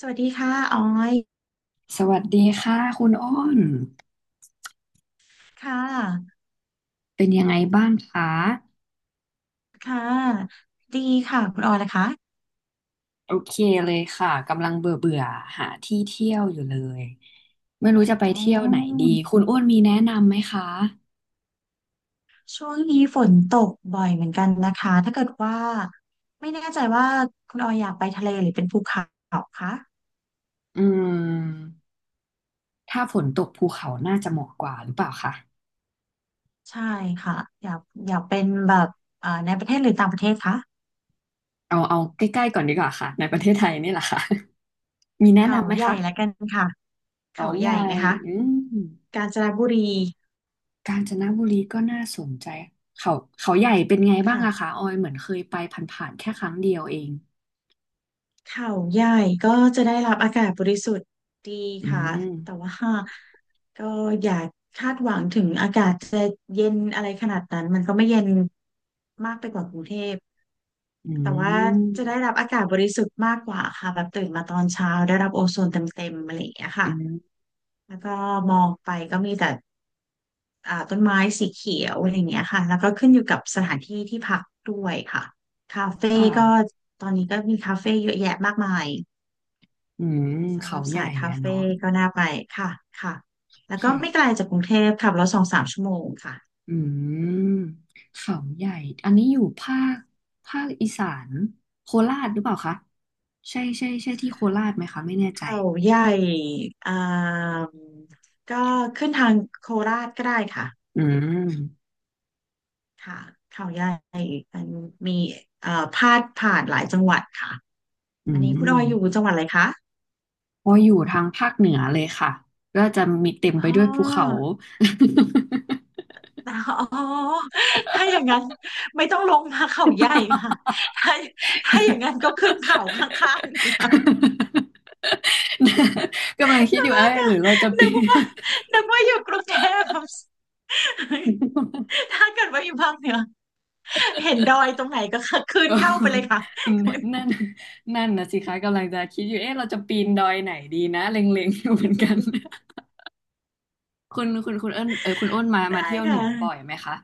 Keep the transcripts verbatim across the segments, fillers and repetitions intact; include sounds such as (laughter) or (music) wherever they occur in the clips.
สวัสดีค่ะออยสวัสดีค่ะคุณอ้นค่ะเป็นยังไงบ้างคะค่ะดีค่ะ คุณออยนะคะโอเคเลยค่ะกำลังเบื่อเบื่อหาที่เที่ยวอยู่เลยไม่รู้จะไปอ๋อเที่ยวไหนดีคุณอ้นมีแนะนำไหมคะช่วงนี้ฝนตกบ่อยเหมือนกันนะคะ ถ้าเกิดว่าไม่แน่ใจว่าคุณออยอยากไปทะเลหรือเป็นภูเขาคะอืมถ้าฝนตกภูเขาน่าจะเหมาะกว่าหรือเปล่าคะใช่ค่ะ อยากอยากเป็นแบบเอ่อในประเทศหรือต่างประเทศคะเอาเอาใกล้ๆก่อนดีกว่าค่ะในประเทศไทยนี่แหละค่ะ (laughs) มีแนะเขานำไหมใหญ่คะละกันค่ะเขาเขาใหใหญ่ญ่ไหมคะอืมกาญจนบุรีกาญจนบุรีก็น่าสนใจเขาเขาใหญ่เป็นไงบ้างค่ะ อะคะออยเหมือนเคยไปผ่านๆแค่ครั้งเดียวเองเขาใหญ่ก็จะได้รับอากาศบริสุทธิ์ดีอืค่ะแต่ม ว่าก็อย่าคาดหวังถึงอากาศจะเย็นอะไรขนาดนั้นมันก็ไม่เย็นมากไปกว่ากรุงเทพอืแต่ว่าม จะได้รับอากาศบริสุทธิ์มากกว่าค่ะแบบตื่นมาตอนเช้าได้รับโอโซนเต็มๆอะไรอย่างเงี้ยค่ะอืมแล้วก็มองไปก็มีแต่อ่าต้นไม้สีเขียวอะไรอย่างเงี้ยค่ะแล้วก็ขึ้นอยู่กับสถานที่ที่พักด้วยค่ะ คาเฟ่ค่ะก็ตอนนี้ก็มีคาเฟ่เยอะแยะมากมายอืมสำหเขารับใหญ่สายคาอะเนาะเฟ่ก็น่าไปค่ะค่ะแล้วก็ไม่ไกค่ะลจากกรุงเทพขับรถสองสามชั่วโมงค่ะอืมเขาใหญ่ อันนี้อยู่ภาคภาคอีสานโคราชหรือเปล่าคะ ใช่ใช่ใช่ที่โคราชไหมคะไม่แน่ใจเขาใหญ่อ่ามก็ขึ้นทางโคราชก็ได้ค่ะอืม ค่ะเขาใหญ่มันมีเอ่อพาดผ่านหลายจังหวัดค่ะอือันนี้คุณออยอยู่มจังหวัดอะไรคะพออยู่ทางภาคเหนือเลยค่ะ ก็จะมีเต็มอ๋อ ไปด้วยภูเขา (laughs) อ๋อถ้าอย่างนั้นไม่ต้องลงมาเขาใหญ่ค่ะถ้าถ้าอย่างนั้นก็ขึ้นเขาข้างๆนกำลังคิดอยู่ึเอ้กยหรือเราจะนึปีกว่านึกว่าอยู่กรุงเทพฯ น (laughs) ถ้าเกิดว่าอยู่ภาคเหนือเห็นดอยตรงไหนก็ขึ้เอนอ เข้าไปเลยค่ะ (laughs) นั่นนั่นนะสิคะกำลังจะคิดอยู่เอ๊ะเราจะปีนดอยไหนดีนะเล็งๆอยู่เหมือนกัน (laughs) คุณคุณคุณเอิ้นเออคุณอ้นมา (laughs) มาได้เที่ยวคเหนือบ่อย่ะ ไหมคะ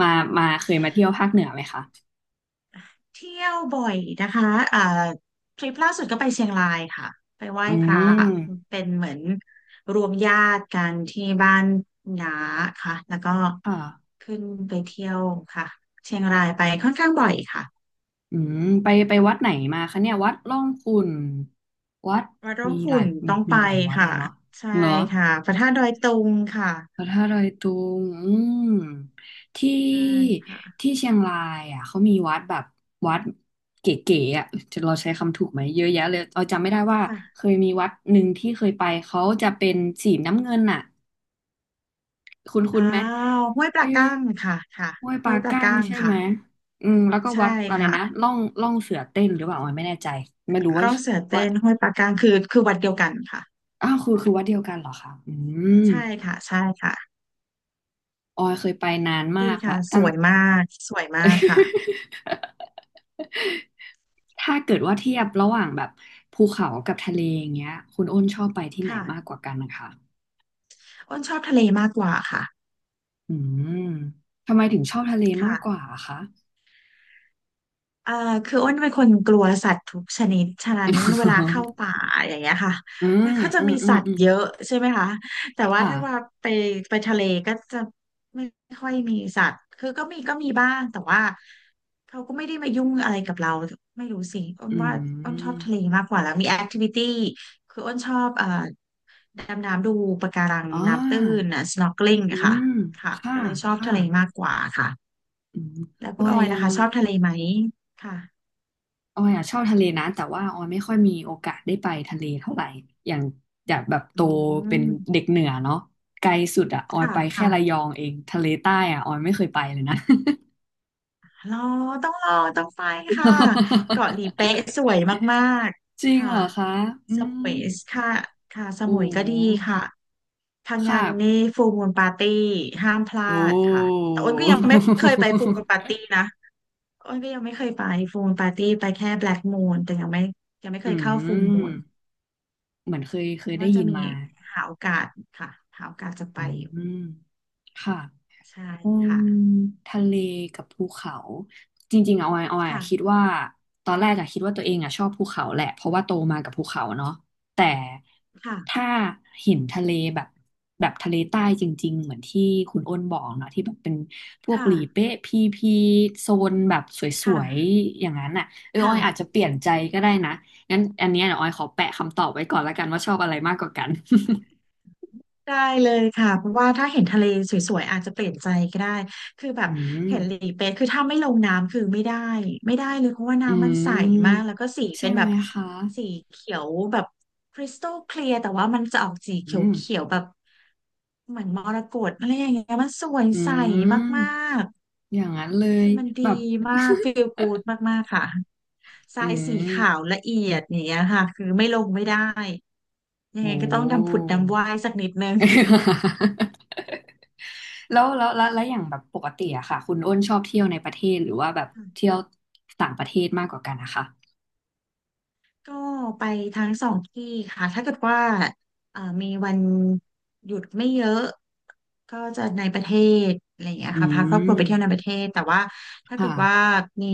มามาเคยมาเที่ยวภาคเหนือไหมคะเที่ยวบ่อยนะคะเอ่อทริปล่าสุดก็ไปเชียงรายค่ะไปไหว้อืพระมเป็นเหมือนรวมญาติกันที่บ้านน้าค่ะแล้วก็ค่ะขึ้นไปเที่ยวค่ะเชียงรายไปค่อนข้างบ่อยค่ะอืมไปไปวัดไหนมาคะเนี่ยวัดร่องขุ่นวัดวัดร่อมีงหขุ่ลายนต้มีองไปมีหลายวัดเลค่ะยเนาะใช่เนาะ ค่ะพระธาตุดอยตุงค่ะพระธาตุดอยตุงอืมที่ใช่ค่ะที่เชียงรายอ่ะเขามีวัดแบบวัดเก๋ๆอ่ะจะเราใช้คำถูกไหมเยอะแยะเลยเราจำไม่ได้ว่าเคค่ะยมีวัดหนึ่งที่เคยไปเขาจะเป็นสีน้ำเงินอ่ะคุณคุอ้าณไหมวห้วยปลาที่กั้งค่ะค่ะห้วยปห้ลาวยปลาก้างกั้งใช่ไหค่ะมอืมแล้วก็ใช่วัดอะไรค่ะนะล่องล่องเสือเต้นหรือเปล่าออยไม่แน่ใจไม่รู้ว่าร่องเสือว่าเต้นห้วยปลากั้งคือคือวัดเดียวกันค่ะ อ้าวคือคือวัดเดียวกันเหรอคะอืมใช่ค่ะใช่ค่ะออยเคยไปนานมาดีกละค่ะสตั้ง วยมากสวยมากค่ะ (laughs) ถ้าเกิดว่าเทียบระหว่างแบบภูเขากับทะเลอย่างเงี้ยคุณอ้นชอบไปที่ไหนมากค่ะกว่ากันนะคะอ้นชอบทะเลมากกว่าค่ะอืมทำไมถึงชอบทะเลมากกค่ะ ว่าอะคะ เอ่อคืออ้นเป็นคนกลัวสัตว์ทุกชนิดฉะนั้นเวลาเข้าป่า (laughs) อย่างเงี้ยค่ะอืมัมนก็จะอืมมีอืมสัตอืว์มเยอะใช่ไหมคะแต่ว่าค่ะถ้าว่าไปไปทะเลก็จะไม่ค่อยมีสัตว์คือก็มีก็มีบ้างแต่ว่าเขาก็ไม่ได้มายุ่งอะไรกับเราไม่รู้สิอ้นอืว่าอ้นชอบมทะเลมากกว่าแล้วมีแอคทิวิตี้คืออ้นชอบเอ่อดำน้ำดูปะการังอ๋น้ำตื้นอนะ snorkeling อือะค่ะมค่ะค่ะก็เลยชอบค่ะทะเลมากกว่าค่ะแล้วอคุอณอยอยยัล่ะงคะชอบทะเลไหมค่ะ ออยอ่ะชอบทะเลนะแต่ว่าออยไม่ค่อยมีโอกาสได้ไปทะเลเท่าไหร่อย่างจากแบบโตอืเป็นมเด็กเหนือเนาะไกลสุดอ่ะออยค่ะไปแค่ค่ะระยองเองทะเลใต้อ่ะออยไม่เคยไปเลยนะ รอต้องรอต้องไปค่ะเกาะหลีเป๊ะสว (laughs) ยมากจริๆงค่ะเหรอคะ อืสมมุยค่ะค่ะสโอ้มุยก็ดีค่ะพังงาค่ะนนี่ฟูลมูนปาร์ตี้ห้ามพลาโอ้ ดค่ะแต่อ้นก็ยังไม่เคยไปฟูลมูนปาร์ (laughs) ตี้นะอ้นก็ยังไม่เคยไปฟูลมูนปาร์ตี้ไปแค่แบล็กมูนแต่ยังไม่ยังไม่เคยอืเข้าฟูลมูนม เหมือนเคยเคยว่าได้จะยินมีมา หาโอกาสค่ะหาโอกาสจะไปอือยู่มค่ะ ใช่อืค่ะมทะเลกับภูเขาจริงๆเอาไว้เอาไว้อะคิดค่ะว่าตอนแรกอะคิดว่าตัวเองอะชอบภูเขาแหละเพราะว่าโตมากับภูเขาเนาะแต่ค่ะถ้าเห็นทะเลแบบแบบทะเลใต้จริงๆเหมือนที่คุณอ้นบอกเนาะที่แบบเป็นพวกค่ะหลีเป๊ะพีพีโซนแบบสวยค่ะๆอย่างนั้นอะเออออยอาจจะค่ะ เปลี่ยนใจก็ได้นะงั้นอันเนี้ยเดี๋ยวออยขอแปะคำตอบไว้ก่อนละกันว่าชอบอะไรมากกว่ากัน (laughs) ได้เลยค่ะเพราะว่าถ้าเห็นทะเลสวยๆอาจจะเปลี่ยนใจก็ได้คือแบบอืมเห็นหลีเป๊ะคือถ้าไม่ลงน้ำคือไม่ได้ไม่ได้เลยเพราะว่าอืน้ำมันใสมากมแล้วก็สีใช่เป็นแบไหบมคะ สีเขียวแบบคริสตัลเคลียร์แต่ว่ามันจะออกสีเขอืมียวๆแบบเหมือนมรกตอะไรอย่างเงี้ยมันสวยอืใสมามกอย่างนั้นเลๆคืยอมันดีแบบ มากฟีล (laughs) กูดมากๆค่ะทอืรายสีขาวมละเอียดอย่างเนี้ยค่ะคือไม่ลงไม่ได้ยังโอ้ ไงก็ต้องดำผุดดำว่ายสักนิดนึง (laughs) แล้วแล้วแล้วแล้วอย่างแบบปกติอะค่ะคุณอ้นชอบเที่ยวในประเทศหรือว่าแบบเที่ยวต่างประเทศมากกว่ากันนะคะก็ไปทั้งสองที่ค่ะถ้าเกิดว่าเอ่อมีวันหยุดไม่เยอะก็จะในประเทศอะไรอย่างเงี้ยอืค่ะพาครอบครัวมไปเที่ยวในประเทศแต่ว่าถ้าเกิค่ะดว่ามี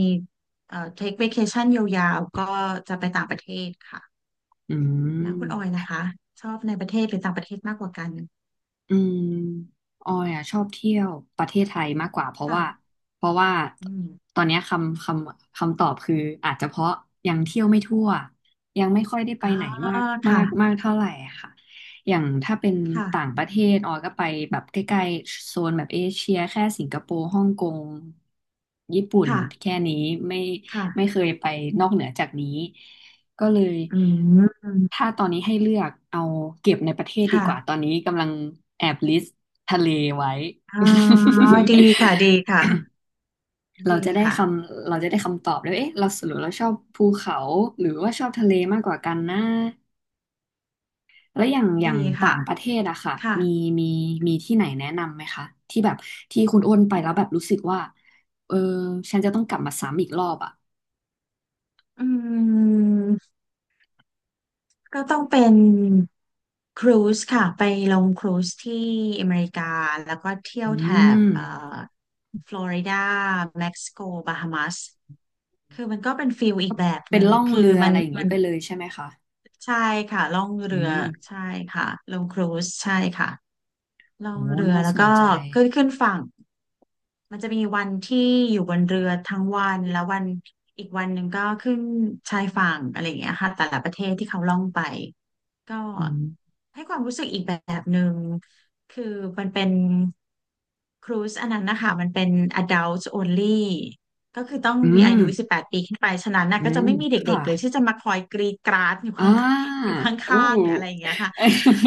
เอ่อ take vacation ยาวๆก็จะไปต่างประเทศค่ะอืแล้วคุณออยนะม คะชอบในประเทศหรือต่างประเทศมากกว่ากันอืมออยอ่ะชอบเที่ยวประเทศไทยมากกว่าเพราะค่ะว่าเพราะว่าอืมตอนเนี้ยคำคำคำตอบคืออาจจะเพราะยังเที่ยวไม่ทั่วยังไม่ค่อยได้ไปอ่าไหนมากมากค่ะมากเท่าไหร่อะค่ะอย่างถ้าเป็นต่างค่ะประเทศออยก็ไปแบบใกล้ๆโซนแบบเอเชียแค่สิงคโปร์ฮ่องกงญี่ปุ่นค่ะแค่นี้ไม่ไม่ค่ะเคยไปนอกเหนือจากนี้ ก็เลยอืมถ้าตอนนี้ให้เลือกเอาเก็บในประเทศดีกว่าตอค่ะนนี้กำลังแอบลิสต์ทะเลไว้ อ๋อดีค่ะดี (laughs) ค่ะเราดีจะได้ค่ะคำเราจะได้คำตอบเลยว่าเอ๊ะเราสรุปเราชอบภูเขาหรือว่าชอบทะเลมากกว่ากันนะแล้วอย่างอย่างดีต่าค่ะงประเทศอะค่ะค่ะ มีมีมีที่ไหนแนะนำไหมคะที่แบบที่คุณอ้วนไปแล้วแบบรู้สึกว่าเออฉันจะต้องกลับมาซ้ำอีกรอบอะอืมก็ต้องเป็นครูซค่ะไปลงครูซที่อเมริกาแล้วก็เที่ยวอืแถบมเอ่อฟลอริดาเม็กซิโกบาฮามัสคือมันก็เป็นฟิลอีกแบบหเป็นนึ่งล่องคือเรือมัอะนไรอย่างมันี้นไปเลยใช่ไหมคะใช่ค่ะล่องอืเรือม ใช่ค่ะลงครูซใช่ค่ะล่อโอ้งเรือน่าแล้วสก็นใจ ขึ้นขึ้นฝั่งมันจะมีวันที่อยู่บนเรือทั้งวันแล้ววันอีกวันหนึ่งก็ขึ้นชายฝั่งอะไรอย่างเงี้ยค่ะแต่ละประเทศที่เขาล่องไป ก็อืมให้ความรู้สึกอีกแบบหนึ่งคือมันเป็นครูซอันนั้นนะคะมันเป็น adult only ก็คือต้องอืมีอามยุ สิบแปดปดปีขึ้นไปฉะนั้นนะอืก็จะมไม่มีเด็ค่ะกๆเลยที่จะมาคอยกรีดกราดอยู่อ่ข้างาอยู่ขอู้ ้างๆหรืออะไรอย่างเงี้ยค่ะ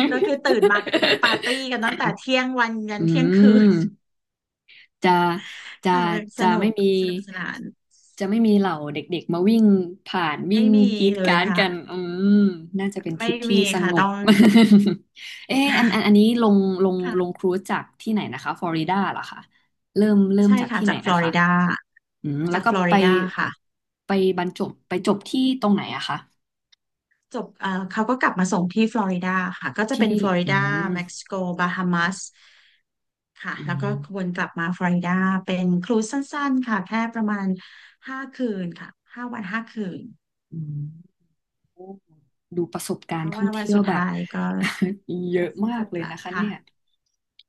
ก็คือตื่นมาก็คือปาร์ตี้กันตั้งแต่เที่ยงวันยั (laughs) นอืเที่ยงคืมนจะจะค่ะมันสจะนุไม่กมี สนุกสนานจะไม่มีเหล่าเด็กๆมาวิ่งผ่านวิ่ไม่งมีกรีดเลกยราร์ดค่ะกันอืมน่าจะเป็นทริไม่ปที่มีสค่ะงบ ต้อง (laughs) เอออันอันอัน (laughs) นี้ลงลงลงค่ะครูซจากที่ไหนนะคะฟลอริดาเหรอคะเริ่มเริ่มใช่จากค่ะที่ไหนจากฟลนะอคะ ริดาอืมแล้วจากก็ฟลอไปริดาค่ะ ไปบรรจบไปจบที่ตรงไหนอะคะจบเอ่อเขาก็กลับมาส่งที่ฟลอริดาค่ะ ก็จะที่เป็นฟลอริอืดามเม็กซิโก บาฮามัสค่ะ อืแล้วก็วมนกลับมาฟลอริดาเป็นครูซสั้นๆค่ะ แค่ประมาณห้าคืนค่ะห้าวันห้าคืน อืมโอ้ดูประสบกาเพรณ์ราะท่อว่างวันเที่ยวสุดแบบ ท้ายก็ (laughs) เยก็อะมาจกบเลยละนะคะค่ะเนี่ย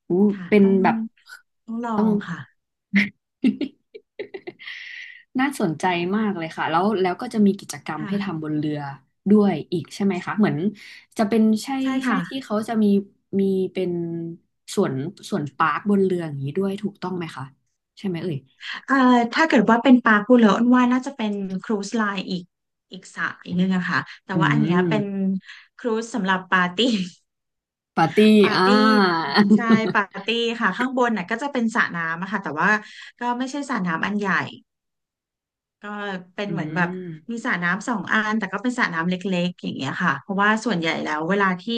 อู้ค่ะเป็นต้องแบบต้องลอต้องง ค่ะ (laughs) น่าสนใจมากเลยค่ะแล้วแล้วก็จะมีกิจกรรมให้ค่ะทำบนเรือด้วยอีกใช่ไหมคะเหมือนจะเป็นใช่ใช่ใช่ค่ะ ที่เขาจะมีมีเป็นสวนสวนปาร์คบนเรืออย่างนี้ด้วยถูกต้องไหมคะใช่ไหมเอ่ยเอ่อถ้าเกิดว่าเป็นปลากุเลออ้นว่าน่าจะเป็นครูซไลน์อีกอีกสายหนึงอะค่ะแต่อืว่าอันเนี้ยเป็นม ครูซสำหรับปาร์ตี้ปาร์ตี้ปาร์อ่าตี้ใช่ปาร์ตี้ค่ะข้างบนน่ะก็จะเป็นสระน้ำอะค่ะแต่ว่าก็ไม่ใช่สระก็เป็นอืเหมือนแบบมมีสระน้ำสองอันแต่ก็เป็นสระน้ำเล็กๆอย่างเงี้ยค่ะเพราะว่าส่วนใหญ่แล้วเวลาที่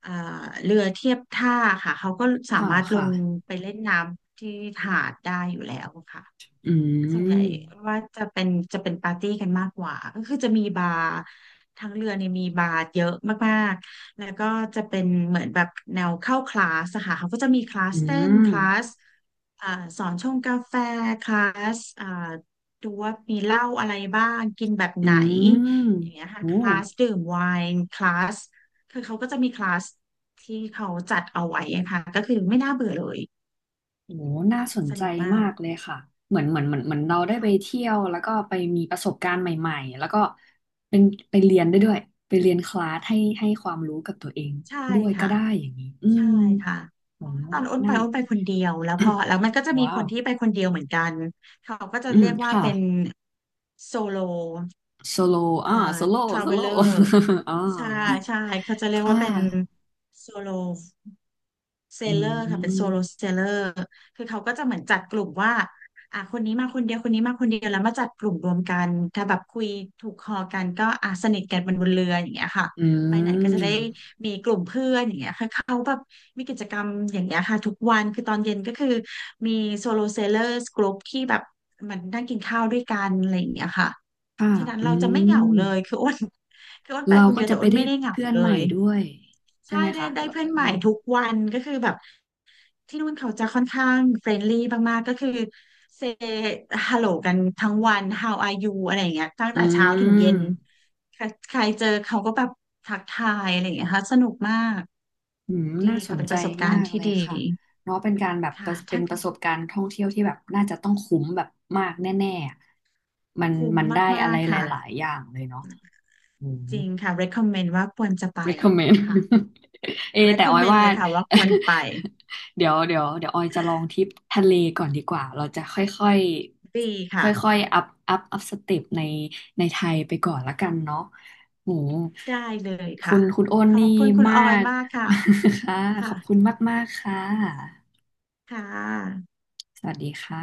เอ่อเรือเทียบท่าค่ะเขาก็สาค่ะ มารถลค่ะ งไปเล่นน้ำที่หาดได้อยู่แล้วค่ะ อืส่วนใหญ่ม ว่าจะเป็นจะเป็นปาร์ตี้กันมากกว่าก็คือจะมีบาร์ทั้งเรือเนี่ยมีบาร์เยอะมากๆแล้วก็จะเป็นเหมือนแบบแนวเข้าคลาสอะค่ะเขาก็จะมีคลาอืสเต้นม คลาสอ่าสอนชงกาแฟคลาสอ่าดูว่ามีเหล้าอะไรบ้างกินแบบอืไหนมอย่างเงี้ยค่ะโอ้คลาสดื่มไวน์คลาสคือเขาก็จะมีคลาสโหน่าค่ะสนสใจนุกมามากกเลยค่ะเหมือนเหมือนเหมือนเหมือนเราได้ไปค่ะเที่ยวแล้วก็ไปมีประสบการณ์ใหม่ๆ แล้วก็เป็นไปเรียนได้ด้วย ไปเรียนคลาสให้ให้ความรู้กับตัวเองใช่ด้วยก็ค่ะได้อย่างนี้ อืใช่มค่ะ โหตอนอ้นไปนั่น อ้นไปคนเดียวแล้วพอแล้วมันก็จะ (coughs) มีว้าคว นที่ไปคนเดียวเหมือนกันเขาก็จะอืม เรียกว่าค่ะเป็นโซโลโซโลเอ่ออ่าโซโลทราโซเวลโล เลอร์ (laughs) อ่าใช่ใช่เขาจะเรียกค่ะ ว่าเป็นโซโลเซอืลเลอร์ค่ะเป็นโซโลม เซลเลอร์คือเขาก็จะเหมือนจัดกลุ่มว่าอ่ะคนนี้มาคนเดียวคนนี้มาคนเดียวแล้วมาจัดกลุ่มรวมกันถ้าแบบคุยถูกคอกันก็อ่ะสนิทกันบนบนเรืออย่างเงี้ยค่ะอืไปไหนก็ม จะได้ งี้ยคือเขาแบบมีกิจกรรมอย่างเงี้ยค่ะทุกวันคือตอนเย็นก็คือมีโซโลเซลเลอร์กลุ่มที่แบบมันนั่งกินข้าวด้วยกันอะไรอย่างเงี้ยค่ะ ค่ะ ฉะนั้นอืเราจะไม่เหงาม เลยคืออ้น (laughs) คืออ้นไปเราคนก็เดียวจะแต่ไปอ้นได้ไม่ได้เหงาเพื่อนเลใหม่ยด้วยใช่ใช่ไหมได้คะได้เราเพื่อนใหอืม่มทุกวันก็คือแบบที่นู่นเขาจะค่อนข้างเฟรนลี่มากๆก็คือเซฮัลโหลกันทั้งวัน ฮาว อาร์ ยู อะไรอย่างเงี้ยตั้งอืแต่เช้าถึงเย็มนใครใครเจอเขาก็แบบทักทายอะไรอย่างเงี้ยค่ะสนุกมากอืม ดีน่าสค่ะนเป็นใจประสบกามารณ์กที่เลยดีค่ะ เนาะเป็นการแบบปค่ะระเป็ถ้านประสบการณ์ท่องเที่ยวที่แบบน่าจะต้องคุ้มแบบมากแน่ๆอะมันคุ้มมันได้อะมาไรกๆหลค่ะายๆอย่างเลยเนาะอืม จริงค่ะ recommend ว่าควรจะไป recommend ค่ะ (laughs) เอแต่ออย recommend ว่า เลยค่ะว่าควรไป (laughs) เดี๋ยวเดี๋ยวเดี๋ยวออยจะลองทริปทะเลก่อนดีกว่าเราจะค่อยค่อยดีค่ค่ะอยค่อยอัพอัพอัพสเต็ปในในไทยไปก่อนละกันเนาะโหได้เลยคุค่ะณคุณโอนขอนี่บคุณคุณมาออยก มากค่ะ (laughs) ค่ะขค่ะอบคุณมากๆค่ะค่ะสวัสดีค่ะ